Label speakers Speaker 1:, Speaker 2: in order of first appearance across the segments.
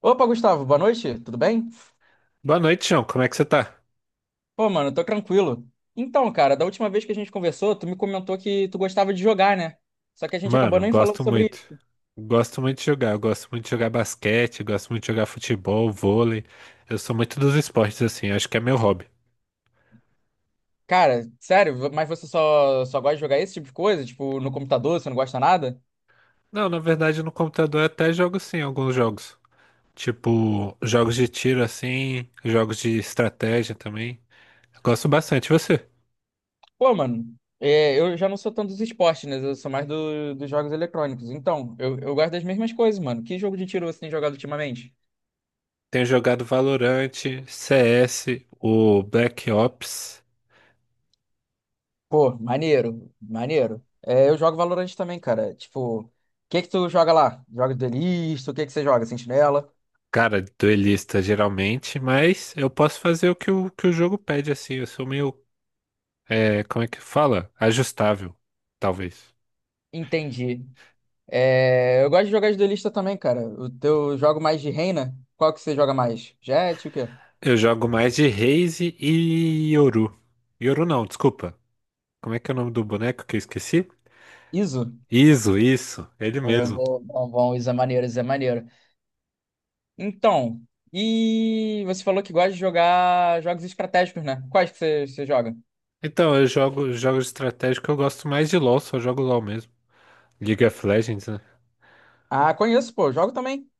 Speaker 1: Opa, Gustavo, boa noite, tudo bem?
Speaker 2: Boa noite, João. Como é que você tá?
Speaker 1: Pô, mano, tô tranquilo. Então, cara, da última vez que a gente conversou, tu me comentou que tu gostava de jogar, né? Só que a gente acabou
Speaker 2: Mano,
Speaker 1: nem falando
Speaker 2: gosto
Speaker 1: sobre
Speaker 2: muito.
Speaker 1: isso.
Speaker 2: Gosto muito de jogar. Eu gosto muito de jogar basquete, gosto muito de jogar futebol, vôlei. Eu sou muito dos esportes, assim. Acho que é meu hobby.
Speaker 1: Cara, sério, mas você só gosta de jogar esse tipo de coisa? Tipo, no computador, você não gosta nada?
Speaker 2: Não, na verdade, no computador eu até jogo sim alguns jogos. Tipo, jogos de tiro, assim, jogos de estratégia também. Eu gosto bastante. E você?
Speaker 1: Pô, mano, é, eu já não sou tanto dos esportes, né? Eu sou mais dos jogos eletrônicos. Então, eu gosto das mesmas coisas, mano. Que jogo de tiro você tem jogado ultimamente?
Speaker 2: Tenho jogado Valorant, CS, o Black Ops.
Speaker 1: Pô, maneiro. É, eu jogo Valorant também, cara. Tipo, o que que tu joga lá? Joga duelista? O que que você joga? Sentinela?
Speaker 2: Cara, duelista geralmente, mas eu posso fazer o que o jogo pede, assim. Eu sou meio. É, como é que fala? Ajustável, talvez.
Speaker 1: Entendi. É, eu gosto de jogar de duelista também, cara. O teu jogo mais de reina? Qual que você joga mais? Jet, o quê?
Speaker 2: Eu jogo mais de Raze e Yoru. Yoru não, desculpa. Como é que é o nome do boneco que eu esqueci?
Speaker 1: Iso?
Speaker 2: Iso, isso, ele
Speaker 1: Pô,
Speaker 2: mesmo.
Speaker 1: bom, Iso é maneiro, Iso é maneiro. Então, e você falou que gosta de jogar jogos estratégicos, né? Quais que você joga?
Speaker 2: Então, eu jogo jogos de estratégia que eu gosto mais de LoL, só jogo LoL mesmo. League of Legends, né?
Speaker 1: Ah, conheço, pô. Jogo também.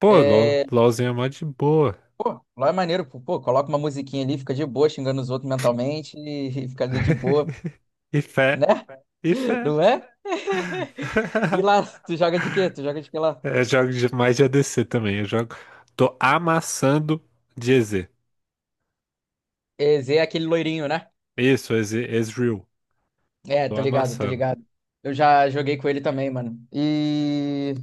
Speaker 2: Pô, LoL,
Speaker 1: É,
Speaker 2: LoLzinho é mó de boa.
Speaker 1: pô, lá é maneiro, pô, coloca uma musiquinha ali, fica de boa, xingando os outros mentalmente e fica ali de boa,
Speaker 2: E
Speaker 1: né?
Speaker 2: fé, e fé.
Speaker 1: Não é? E lá, tu joga de quê? Tu joga de que lá?
Speaker 2: Eu jogo mais de ADC também, eu jogo. Tô amassando de EZ.
Speaker 1: É, Zé é aquele loirinho, né?
Speaker 2: Isso, EZ, Ezreal.
Speaker 1: É,
Speaker 2: Tô
Speaker 1: tô ligado, tô
Speaker 2: amassando.
Speaker 1: ligado. Eu já joguei com ele também, mano. E.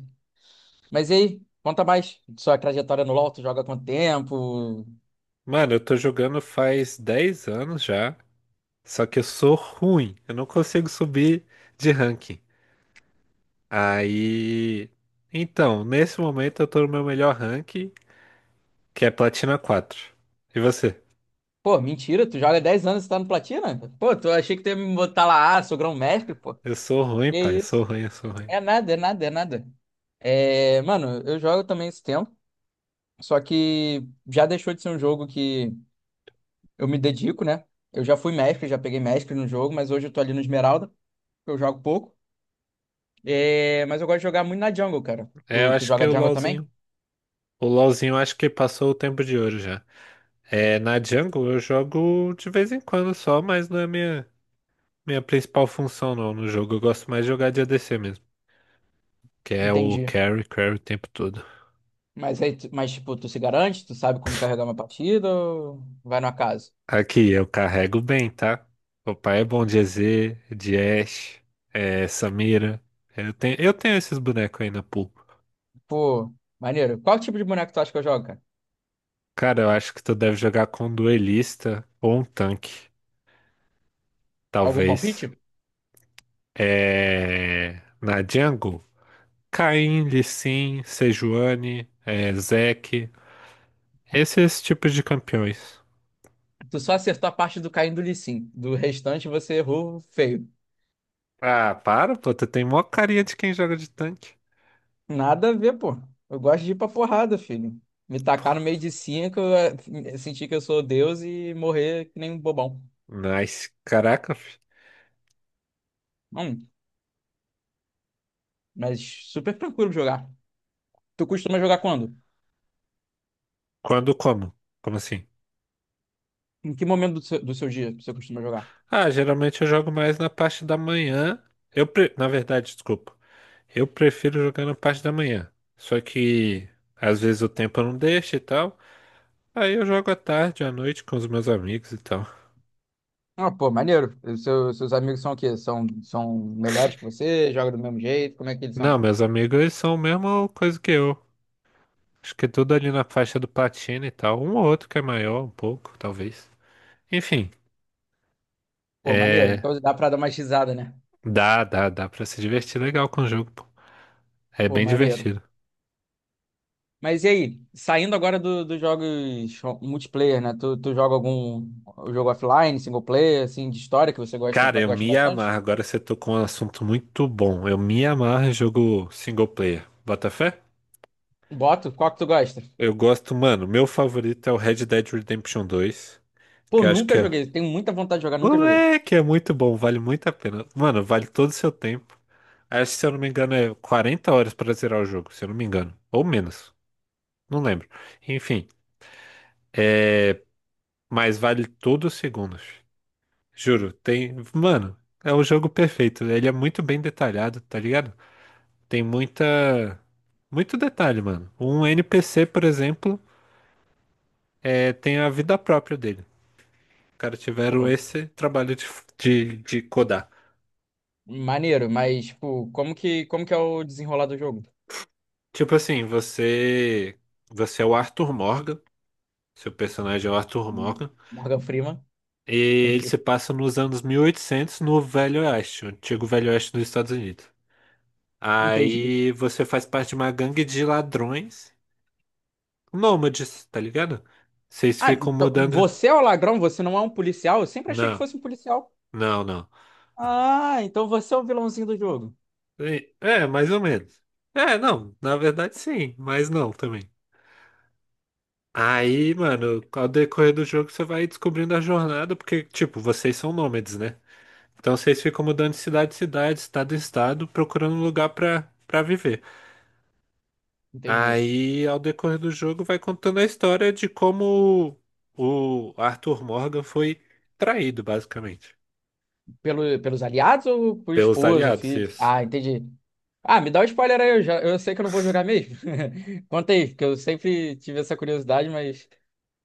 Speaker 1: Mas e aí? Conta mais. Sua trajetória no LoL, tu joga há quanto tempo?
Speaker 2: Mano, eu tô jogando faz 10 anos já, só que eu sou ruim, eu não consigo subir de ranking. Aí. Então, nesse momento eu tô no meu melhor ranking, que é Platina 4. E você?
Speaker 1: Pô, mentira, tu joga há 10 anos e tá no Platina? Pô, tu achei que tu ia me botar lá, ah, sou grão-mestre, pô.
Speaker 2: Eu sou ruim,
Speaker 1: Que
Speaker 2: pai, eu sou
Speaker 1: isso?
Speaker 2: ruim, eu sou ruim.
Speaker 1: É nada. É, mano, eu jogo também esse tempo. Só que já deixou de ser um jogo que eu me dedico, né? Eu já fui mestre, já peguei mestre no jogo, mas hoje eu tô ali no Esmeralda, que eu jogo pouco. É, mas eu gosto de jogar muito na jungle, cara.
Speaker 2: É, eu
Speaker 1: Tu
Speaker 2: acho que
Speaker 1: joga
Speaker 2: o
Speaker 1: jungle também?
Speaker 2: LoLzinho. O LoLzinho eu acho que passou o tempo de ouro já. É, na jungle eu jogo de vez em quando só, mas não é minha principal função não no jogo. Eu gosto mais de jogar de ADC mesmo, que é o
Speaker 1: Entendi.
Speaker 2: carry, carry o tempo todo.
Speaker 1: Mas aí, mas tipo, tu se garante? Tu sabe como carregar uma partida ou vai no acaso?
Speaker 2: Aqui, eu carrego bem, tá? Papai é bom de EZ, de Ashe, é, Samira. Eu tenho esses bonecos aí na pool.
Speaker 1: Pô, maneiro. Qual tipo de boneco tu acha que eu jogo, cara?
Speaker 2: Cara, eu acho que tu deve jogar com um duelista ou um tanque,
Speaker 1: Algum
Speaker 2: talvez.
Speaker 1: palpite?
Speaker 2: É... Na jungle, Kayn, Lee Sin, Sejuani, é, Zeke, esses tipos de campeões.
Speaker 1: Tu só acertou a parte do caindo do Lee Sin. Do restante você errou feio.
Speaker 2: Ah, para, pô, tu tem mó carinha de quem joga de tanque.
Speaker 1: Nada a ver, pô. Eu gosto de ir pra porrada, filho. Me tacar no meio de cinco, sentir que eu sou Deus e morrer que nem um bobão.
Speaker 2: Nice, caraca, fi.
Speaker 1: Hum, mas super tranquilo de jogar. Tu costuma jogar quando?
Speaker 2: Quando como? Como assim?
Speaker 1: Em que momento do seu dia você costuma jogar?
Speaker 2: Ah, geralmente eu jogo mais na parte da manhã. Na verdade, desculpa. Eu prefiro jogar na parte da manhã. Só que às vezes o tempo não deixa e tal. Aí eu jogo à tarde, à noite com os meus amigos e tal.
Speaker 1: Ah, pô, maneiro. Os seus amigos são o quê? São melhores que você? Jogam do mesmo jeito? Como é que eles
Speaker 2: Não,
Speaker 1: são?
Speaker 2: meus amigos eles são a mesma coisa que eu. Acho que tudo ali na faixa do platina e tal. Um ou outro que é maior, um pouco, talvez. Enfim,
Speaker 1: Pô, maneiro.
Speaker 2: é.
Speaker 1: Então dá pra dar uma xizada, né?
Speaker 2: Dá pra se divertir legal com o jogo, pô. É
Speaker 1: Pô,
Speaker 2: bem
Speaker 1: maneiro.
Speaker 2: divertido.
Speaker 1: Mas e aí, saindo agora dos jogos multiplayer, né? Tu joga algum jogo offline, single player, assim, de história que você gosta,
Speaker 2: Cara, eu
Speaker 1: gosta
Speaker 2: me
Speaker 1: bastante?
Speaker 2: amarro. Agora você tocou um assunto muito bom. Eu me amarro em jogo single player. Bota fé?
Speaker 1: Boto, qual que tu gosta?
Speaker 2: Eu gosto, mano. Meu favorito é o Red Dead Redemption 2,
Speaker 1: Pô,
Speaker 2: que eu acho que
Speaker 1: nunca
Speaker 2: é.
Speaker 1: joguei, tenho muita vontade de jogar, nunca joguei.
Speaker 2: Moleque, é muito bom, vale muito a pena. Mano, vale todo o seu tempo. Acho que, se eu não me engano, é 40 horas pra zerar o jogo, se eu não me engano. Ou menos, não lembro. Enfim, mas vale todos os segundos. Juro, tem. Mano, é o jogo perfeito. Ele é muito bem detalhado, tá ligado? Tem muita. Muito detalhe, mano. Um NPC, por exemplo, é, tem a vida própria dele. Os caras tiveram
Speaker 1: Pô,
Speaker 2: esse trabalho de codar.
Speaker 1: maneiro, mas, tipo, como que é o desenrolar do jogo?
Speaker 2: Tipo assim, você. Você é o Arthur Morgan. Seu personagem é o Arthur
Speaker 1: Hum,
Speaker 2: Morgan.
Speaker 1: Morgan Freeman.
Speaker 2: E ele se passa nos anos 1800 no Velho Oeste, o antigo Velho Oeste dos Estados Unidos.
Speaker 1: Entendi.
Speaker 2: Aí você faz parte de uma gangue de ladrões nômades, tá ligado? Vocês
Speaker 1: Ah,
Speaker 2: ficam
Speaker 1: então
Speaker 2: mudando.
Speaker 1: você é o ladrão, você não é um policial? Eu sempre achei que
Speaker 2: Não,
Speaker 1: fosse um policial.
Speaker 2: não, não.
Speaker 1: Ah, então você é o vilãozinho do jogo.
Speaker 2: E- É, mais ou menos. É, não, na verdade sim, mas não também. Aí, mano, ao decorrer do jogo você vai descobrindo a jornada, porque, tipo, vocês são nômades, né? Então vocês ficam mudando de cidade em cidade, estado em estado, procurando um lugar pra viver.
Speaker 1: Entendi.
Speaker 2: Aí, ao decorrer do jogo, vai contando a história de como o Arthur Morgan foi traído, basicamente,
Speaker 1: Pelos aliados ou por
Speaker 2: pelos
Speaker 1: esposa,
Speaker 2: aliados,
Speaker 1: filho?
Speaker 2: isso.
Speaker 1: Ah, entendi. Ah, me dá um spoiler aí, eu sei que eu não vou jogar mesmo. Conta aí, porque eu sempre tive essa curiosidade, mas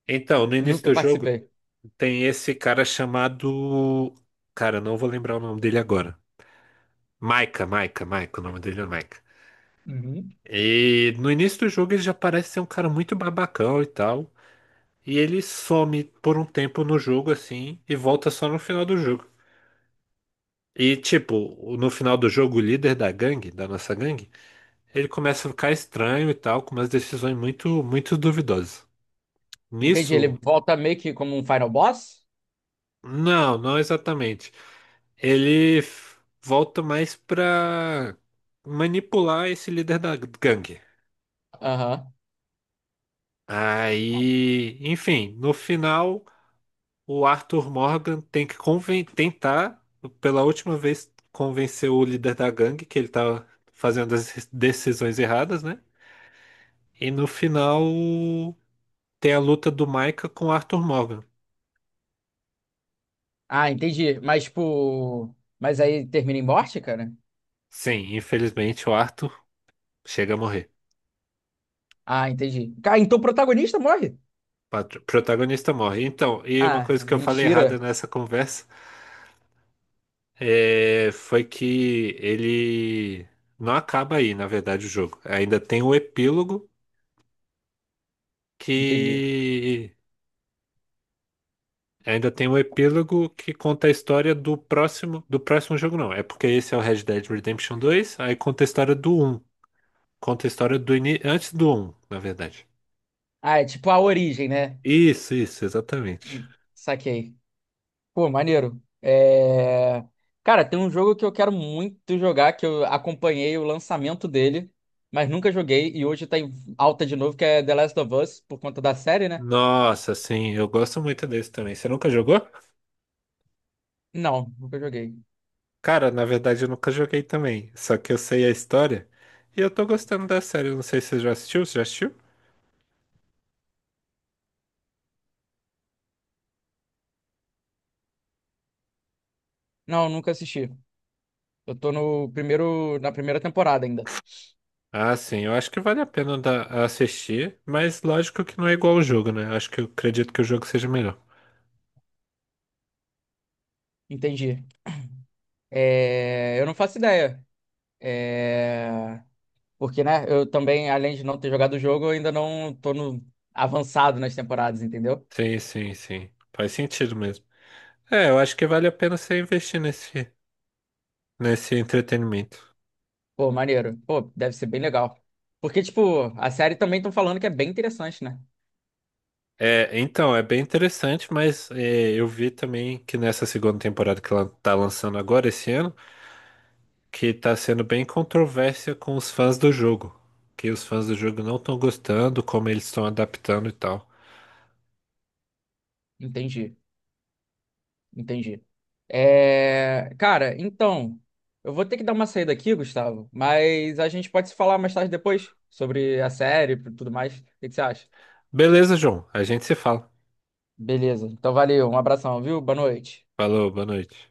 Speaker 2: Então, no início
Speaker 1: nunca
Speaker 2: do jogo
Speaker 1: participei.
Speaker 2: tem esse cara chamado. Cara, eu não vou lembrar o nome dele agora. Micah, o nome dele é Micah.
Speaker 1: Uhum.
Speaker 2: E no início do jogo ele já parece ser um cara muito babacão e tal. E ele some por um tempo no jogo assim e volta só no final do jogo. E tipo, no final do jogo, o líder da gangue, da nossa gangue, ele começa a ficar estranho e tal, com umas decisões muito, muito duvidosas.
Speaker 1: Entendi, ele
Speaker 2: Nisso.
Speaker 1: volta meio que como um final boss?
Speaker 2: Não, não exatamente. Ele volta mais pra manipular esse líder da gangue.
Speaker 1: Aham.
Speaker 2: Aí, enfim, no final, o Arthur Morgan tem que tentar, pela última vez, convencer o líder da gangue que ele tá fazendo as decisões erradas, né? E no final, tem a luta do Micah com o Arthur Morgan.
Speaker 1: Ah, entendi. Mas, tipo. Mas aí termina em morte, cara?
Speaker 2: Sim, infelizmente o Arthur chega a morrer.
Speaker 1: Ah, entendi. Cara, então o protagonista morre?
Speaker 2: Protagonista morre. Então, e uma
Speaker 1: Ah,
Speaker 2: coisa que eu falei errada
Speaker 1: mentira.
Speaker 2: nessa conversa é, foi que ele não acaba aí, na verdade, o jogo. Ainda tem um epílogo
Speaker 1: Entendi.
Speaker 2: que conta a história do próximo jogo, não. É porque esse é o Red Dead Redemption 2, aí conta a história do um. Conta a história do ini... antes do um, na verdade.
Speaker 1: Ah, é tipo a origem, né?
Speaker 2: Isso, exatamente.
Speaker 1: Saquei. Pô, maneiro. É... Cara, tem um jogo que eu quero muito jogar, que eu acompanhei o lançamento dele, mas nunca joguei, e hoje tá em alta de novo, que é The Last of Us, por conta da série, né?
Speaker 2: Nossa, sim, eu gosto muito desse também. Você nunca jogou?
Speaker 1: Não, nunca joguei.
Speaker 2: Cara, na verdade eu nunca joguei também, só que eu sei a história e eu tô gostando da série. Eu não sei se você já assistiu, você já assistiu?
Speaker 1: Não, nunca assisti. Eu tô no primeiro, na primeira temporada ainda.
Speaker 2: Ah, sim, eu acho que vale a pena assistir, mas lógico que não é igual ao jogo, né? Eu acho que eu acredito que o jogo seja melhor.
Speaker 1: Entendi. É... Eu não faço ideia. É... Porque, né, eu também, além de não ter jogado o jogo, eu ainda não tô no avançado nas temporadas, entendeu?
Speaker 2: Sim, sim, sim. Faz sentido mesmo. É, eu acho que vale a pena você investir nesse entretenimento.
Speaker 1: Pô, maneiro. Pô, deve ser bem legal. Porque, tipo, a série também estão falando que é bem interessante, né?
Speaker 2: É, então, é bem interessante, mas é, eu vi também que nessa segunda temporada que ela tá lançando agora, esse ano, que tá sendo bem controvérsia com os fãs do jogo. Que os fãs do jogo não estão gostando, como eles estão adaptando e tal.
Speaker 1: Entendi, entendi. É... Cara, então, eu vou ter que dar uma saída aqui, Gustavo, mas a gente pode se falar mais tarde depois sobre a série e tudo mais. O que que você acha?
Speaker 2: Beleza, João. A gente se fala.
Speaker 1: Beleza. Então, valeu. Um abração, viu? Boa noite.
Speaker 2: Falou, boa noite.